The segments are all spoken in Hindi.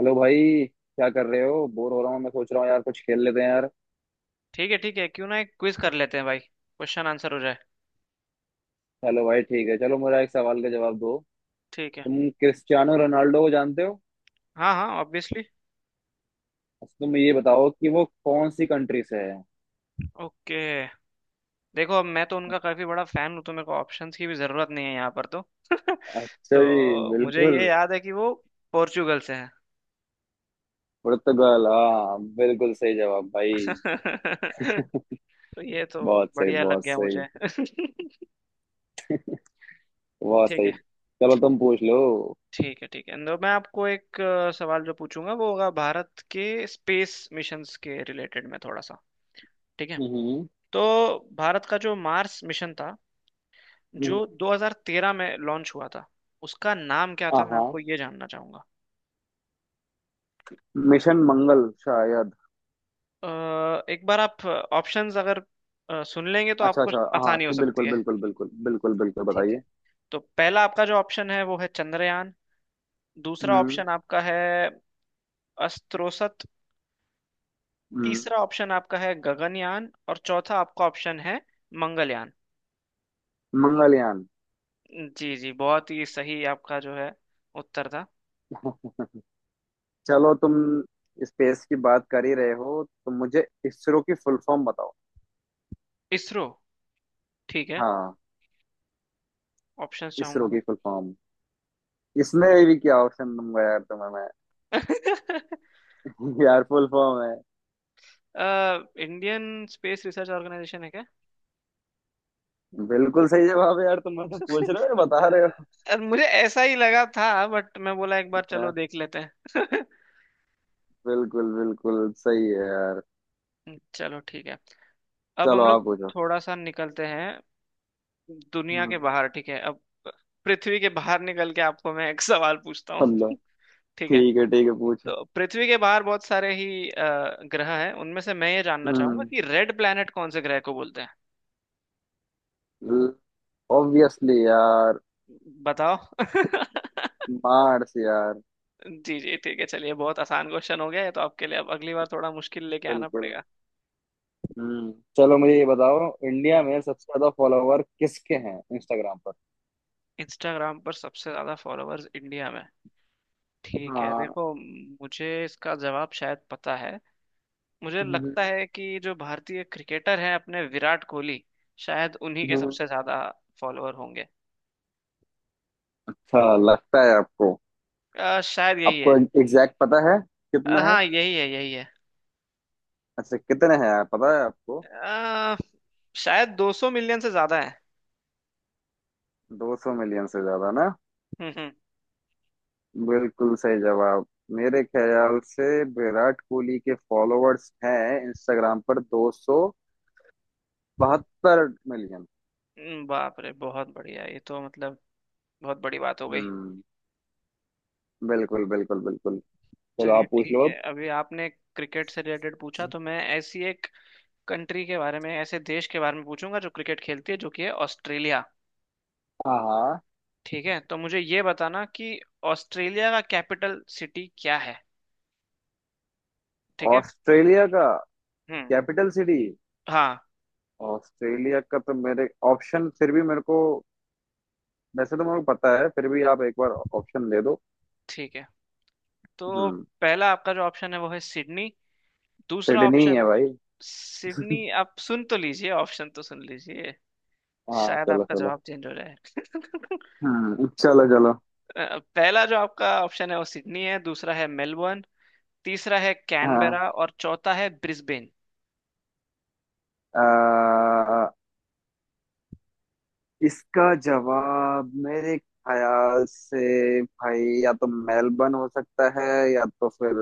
हेलो भाई। क्या कर रहे हो? बोर हो रहा हूँ। मैं सोच रहा हूँ यार, कुछ खेल लेते हैं यार। ठीक है, ठीक है, क्यों ना एक क्विज कर लेते हैं भाई, क्वेश्चन आंसर हो जाए। चलो भाई ठीक है, चलो मेरा एक सवाल का जवाब दो। ठीक है। तुम क्रिस्टियानो रोनाल्डो को जानते हो? हाँ हाँ, ऑब्वियसली। अच्छा, तुम ये बताओ कि वो कौन सी कंट्री से है। ओके। देखो, अब मैं तो उनका काफी बड़ा फैन हूँ तो मेरे को ऑप्शंस की भी जरूरत नहीं है यहाँ पर तो अच्छा जी, तो मुझे बिल्कुल। ये याद है कि वो पोर्चुगल से है। पुर्तगाल। हाँ बिल्कुल सही जवाब भाई। तो ये तो बहुत सही, बढ़िया लग बहुत गया सही। मुझे। ठीक बहुत है। सही, चलो तुम पूछ लो। ठीक है, ठीक है, तो मैं आपको एक सवाल जो पूछूंगा वो होगा भारत के स्पेस मिशंस के रिलेटेड में थोड़ा सा। ठीक है। हम्म। तो भारत का जो मार्स मिशन था, हम्म, जो 2013 में लॉन्च हुआ था, उसका नाम क्या हाँ था मैं हाँ, आपको ये जानना चाहूंगा। मिशन मंगल शायद। अ, एक बार आप ऑप्शंस अगर सुन लेंगे तो अच्छा आपको अच्छा, हाँ आसानी हो सकती बिल्कुल है। बिल्कुल बिल्कुल बिल्कुल बिल्कुल, ठीक है। बताइए। तो पहला आपका जो ऑप्शन है वो है चंद्रयान। दूसरा हम्म। ऑप्शन आपका है अस्त्रोसत। तीसरा ऑप्शन आपका है गगनयान और चौथा आपका ऑप्शन है मंगलयान। मंगलयान। जी जी, बहुत ही सही आपका जो है उत्तर था। चलो, तुम स्पेस की बात कर ही रहे हो तो मुझे इसरो की फुल फॉर्म बताओ। इसरो। ठीक है, हाँ। ऑप्शंस इसरो चाहूंगा की फुल फॉर्म। इसमें भी क्या ऑप्शन दूंगा यार तुम्हें मैं। मैं? यार, फुल फॉर्म है। इंडियन स्पेस रिसर्च ऑर्गेनाइजेशन है क्या? बिल्कुल सही जवाब है यार। तुम मुझसे पूछ रहे हो या बता रहे हो? मुझे ऐसा ही लगा था बट मैं बोला एक बार चलो हाँ, देख लेते हैं। बिल्कुल बिल्कुल सही है यार। चलो ठीक है। अब चलो हम आप लोग पूछो। थोड़ा सा निकलते हैं दुनिया के हम्म। बाहर। ठीक है, अब पृथ्वी के बाहर निकल के आपको मैं एक सवाल पूछता हूँ। अल्लाह। ठीक है। ठीक है ठीक है, पूछो। तो पृथ्वी के बाहर बहुत सारे ही ग्रह हैं, उनमें से मैं ये जानना चाहूंगा हम्म। कि रेड प्लैनेट कौन से ग्रह को बोलते हैं। ऑब्वियसली यार। बताओ। मार्स यार। जी जी, ठीक है। चलिए बहुत आसान क्वेश्चन हो गया है तो आपके लिए, अब अगली बार थोड़ा मुश्किल लेके आना बिल्कुल। पड़ेगा। हम्म। चलो मुझे ये बताओ, इंडिया हम्म। में सबसे ज्यादा फॉलोवर किसके हैं इंस्टाग्राम पर? इंस्टाग्राम पर सबसे ज्यादा फॉलोअर्स इंडिया में। ठीक है, हाँ। देखो मुझे इसका जवाब शायद पता है। मुझे हम्म, लगता है कि जो भारतीय क्रिकेटर हैं अपने विराट कोहली, शायद उन्हीं के हम्म। सबसे ज्यादा फॉलोअर होंगे। अच्छा, लगता है आपको? शायद यही है। आपको एग्जैक्ट पता है कितना है? हाँ यही है, यही है। अच्छा, कितने हैं यार, पता है आपको? अ, शायद 200 मिलियन से ज्यादा है। 200 मिलियन से ज्यादा ना? हम्म। बिल्कुल सही जवाब। मेरे ख्याल से विराट कोहली के फॉलोअर्स हैं इंस्टाग्राम पर 272 मिलियन। बाप रे बहुत बढ़िया, ये तो मतलब बहुत बड़ी बात हो गई। हम्म। बिल्कुल बिल्कुल बिल्कुल, चलो चलिए आप पूछ ठीक लो है। अब। अभी आपने क्रिकेट से रिलेटेड पूछा तो मैं ऐसी एक कंट्री के बारे में, ऐसे देश के बारे में पूछूंगा जो क्रिकेट खेलती है, जो कि है ऑस्ट्रेलिया। हाँ हाँ। ठीक है, तो मुझे ये बताना कि ऑस्ट्रेलिया का कैपिटल सिटी क्या है। ठीक है। ऑस्ट्रेलिया का हम्म। Capital city. हाँ। ऑस्ट्रेलिया का तो मेरे ऑप्शन फिर भी मेरे को, वैसे तो मेरे को पता है फिर भी आप एक बार ऑप्शन दे दो। ठीक है, तो हम्म। पहला आपका जो ऑप्शन है वो है सिडनी। दूसरा सिडनी ऑप्शन, है भाई। सिडनी आप सुन तो लीजिए, ऑप्शन तो सुन लीजिए, हाँ शायद चलो आपका चलो। जवाब चेंज हो जाए। हम्म, चलो चलो। पहला जो आपका ऑप्शन है वो सिडनी है, दूसरा है मेलबर्न, तीसरा है हाँ, कैनबेरा और चौथा है ब्रिस्बेन। अ, इसका जवाब मेरे ख्याल से भाई या तो मेलबर्न हो सकता है, या तो फिर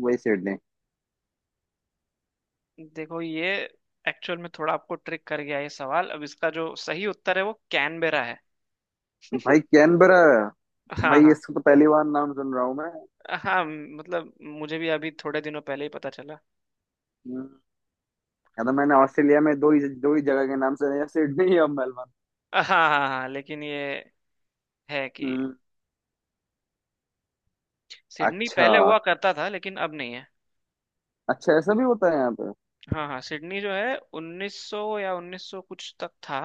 वही सिडनी। देखो ये एक्चुअल में थोड़ा आपको ट्रिक कर गया ये सवाल। अब इसका जो सही उत्तर है वो कैनबेरा है। भाई कैनबरा। हाँ भाई, हाँ इसका तो पहली बार नाम सुन रहा हूँ मैं। हाँ, मतलब मुझे भी अभी थोड़े दिनों पहले ही पता चला। हम्म, या तो मैंने ऑस्ट्रेलिया में दो ही जगह के नाम सुने हैं, सिडनी या मेलबर्न। हाँ हाँ हाँ, लेकिन ये है कि हम्म। सिडनी अच्छा। पहले हुआ करता था लेकिन अब नहीं है। अच्छा, ऐसा भी होता है यहाँ पे? हाँ हाँ, सिडनी जो है 1900 या 1900 कुछ तक था,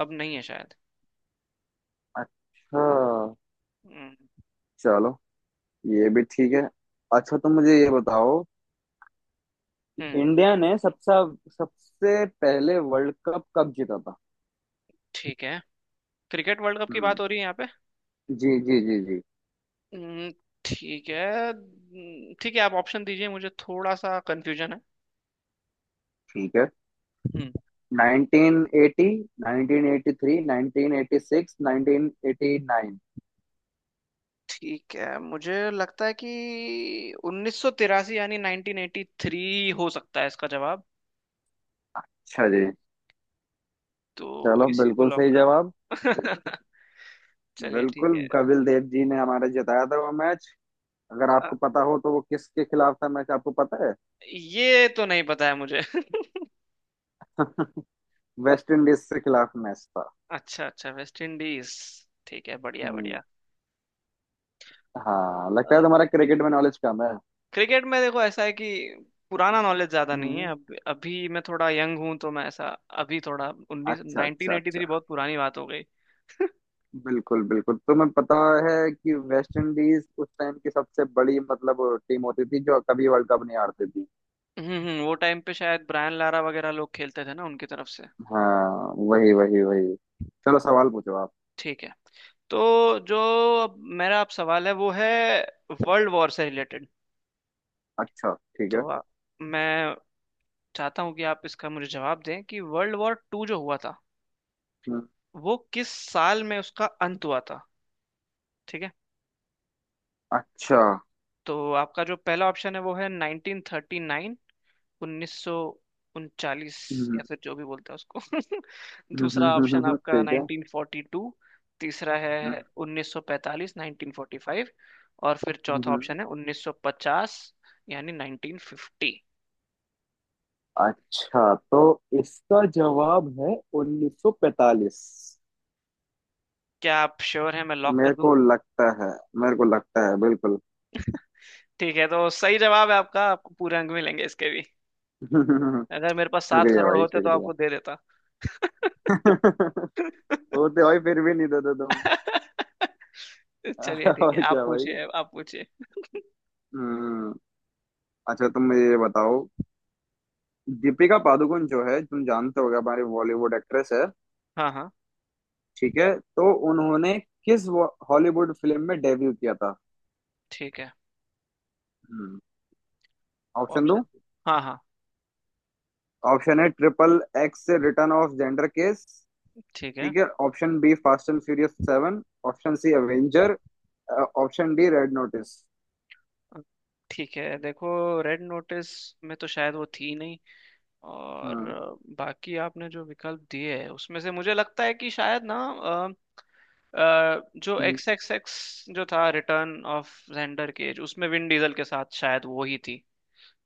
अब नहीं है शायद। अच्छा, हम्म चलो ये भी ठीक है। अच्छा तुम मुझे ये बताओ कि हम्म, इंडिया ने सबसे सबसे पहले वर्ल्ड कप कब जीता था? ठीक है। क्रिकेट वर्ल्ड कप की बात हम्म। हो रही है यहाँ पे। जी जी जी जी। हम्म, ठीक है। ठीक है, आप ऑप्शन दीजिए मुझे थोड़ा सा कंफ्यूजन है। ठीक है, हम्म। 1980, 1983, 1986, 1989। ठीक है, मुझे लगता है कि 1983, यानी 1983 हो सकता है इसका जवाब। अच्छा जी। तो चलो इसी को बिल्कुल लॉक सही करो। जवाब। चलिए ठीक बिल्कुल, है। कपिल देव जी ने हमारे जिताया था वो मैच। अगर अ, आपको पता हो तो वो किसके खिलाफ था मैच, आपको पता ये तो नहीं पता है मुझे। है? वेस्ट इंडीज के खिलाफ मैच था। अच्छा अच्छा, वेस्ट इंडीज। ठीक है, बढ़िया हम्म। बढ़िया। हाँ, लगता है तुम्हारा क्रिकेट में नॉलेज कम है। क्रिकेट में देखो ऐसा है कि पुराना नॉलेज ज्यादा नहीं है, हम्म। अब अभी मैं थोड़ा यंग हूँ तो मैं ऐसा। अभी थोड़ा उन्नीस, अच्छा नाइनटीन अच्छा एटी थ्री, अच्छा। बहुत पुरानी बात हो गई। बिल्कुल बिल्कुल, तुम्हें पता है कि वेस्ट इंडीज उस टाइम की सबसे बड़ी मतलब टीम होती थी जो कभी वर्ल्ड कप नहीं हारती थी। वो टाइम पे शायद ब्रायन लारा वगैरह लोग खेलते थे ना उनकी तरफ से। हाँ वही वही वही, चलो सवाल पूछो आप। ठीक है, तो जो अब मेरा अब सवाल है वो है वर्ल्ड वॉर से रिलेटेड। अच्छा। ठीक है। तो मैं चाहता हूँ कि आप इसका मुझे जवाब दें कि वर्ल्ड वॉर टू जो हुआ था हम्म, वो किस साल में उसका अंत हुआ था। ठीक है, अच्छा। तो आपका जो पहला ऑप्शन है वो है 1939, उन्नीस सौ उनचालीस, हम्म, या फिर जो भी बोलते हैं उसको। दूसरा ऑप्शन आपका ठीक है। 1942, तीसरा है हम्म, 1945, 1945 और फिर हम्म, चौथा हम्म। ऑप्शन है 1950, यानी 1950। अच्छा, तो इसका जवाब है 1945। क्या आप श्योर हैं? मैं लॉक कर मेरे दूं? को लगता है मेरे को लगता है बिल्कुल। ठीक है, तो सही जवाब है आपका, आपको पूरे अंक मिलेंगे इसके भी। अगर मेरे पास सात शुक्रिया करोड़ भाई, होते तो आपको शुक्रिया। दे देता। होते भाई फिर भी नहीं देते तुम। चलिए ठीक है, और आप क्या भाई। पूछिए आप पूछिए। हम्म। अच्छा, तुम मुझे ये बताओ, दीपिका पादुकोण जो है, तुम जानते होगे, हमारी बॉलीवुड एक्ट्रेस है। हाँ हाँ। ठीक है, तो उन्होंने किस हॉलीवुड फिल्म में डेब्यू किया था? ठीक है, हम्म। ऑप्शन दूं? ऑप्शन। हाँ हाँ। ऑप्शन है ट्रिपल एक्स से रिटर्न ऑफ जेंडर केस। ठीक है, ठीक है। Option B fast and furious seven. Option C Avenger. Option D red notice. ठीक है, देखो रेड नोटिस में तो शायद वो थी नहीं, और हाँ बाकी आपने जो विकल्प दिए हैं उसमें से मुझे लगता है कि शायद ना, जो एक्स एक्स एक्स जो था, रिटर्न ऑफ जेंडर केज, उसमें विन डीजल के साथ शायद वो ही थी।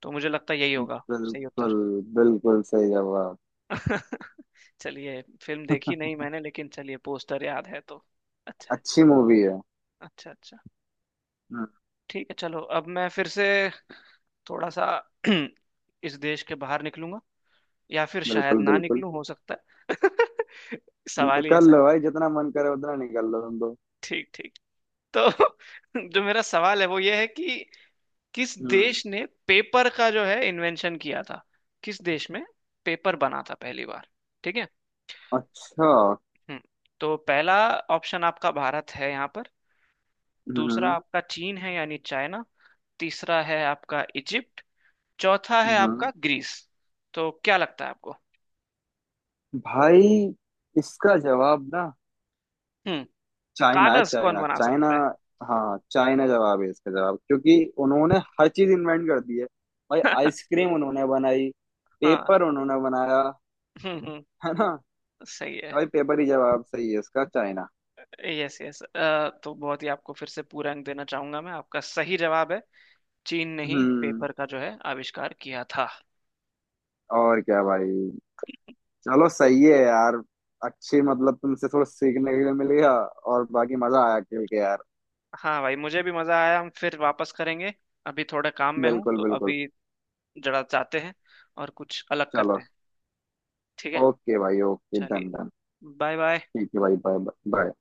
तो मुझे लगता है यही होगा सही उत्तर। बिल्कुल, बिल्कुल सही जवाब। चलिए फिल्म देखी नहीं मैंने, लेकिन चलिए पोस्टर याद है तो अच्छा है। अच्छी मूवी है। अच्छा अच्छा। हाँ। ठीक है, चलो अब मैं फिर से थोड़ा सा इस देश के बाहर निकलूंगा, या फिर शायद बिल्कुल ना बिल्कुल, निकलूं, हो सकता है। सवाल ही निकल ऐसा लो है। भाई, जितना मन करे उतना निकल लो तुम तो। ठीक ठीक। तो जो मेरा सवाल है वो ये है कि किस हम्म। देश ने पेपर का जो है इन्वेंशन किया था, किस देश में पेपर बना था पहली बार। ठीक है। अच्छा। हम्म। तो पहला ऑप्शन आपका भारत है यहाँ पर, दूसरा हम्म आपका चीन है यानी चाइना, तीसरा है आपका इजिप्ट, चौथा है आपका हम्म। ग्रीस। तो क्या लगता है आपको? भाई, इसका जवाब ना हम्म। चाइना है, कागज कौन चाइना बना चाइना। सकता हाँ चाइना जवाब है इसका जवाब, क्योंकि उन्होंने हर चीज इन्वेंट कर दी है भाई। है? आइसक्रीम उन्होंने बनाई, हाँ पेपर उन्होंने बनाया, हम्म हम्म, है ना? सही है। भाई, पेपर ही जवाब सही है इसका, चाइना। यस यस, तो बहुत ही आपको फिर से पूरा अंक देना चाहूंगा मैं, आपका सही जवाब है। चीन ने ही हम्म। पेपर का जो है आविष्कार किया था। और क्या भाई। चलो सही है यार। अच्छी, मतलब तुमसे थोड़ा सीखने के लिए मिल गया, और बाकी मजा आया खेल के यार। हाँ भाई, मुझे भी मजा आया, हम फिर वापस करेंगे। अभी थोड़ा काम में हूँ बिल्कुल तो बिल्कुल, अभी जरा जाते हैं और कुछ अलग चलो। करते हैं। ठीक है। ओके भाई ओके, चलिए, डन डन। Bye bye. ठीक है भाई, बाय बाय।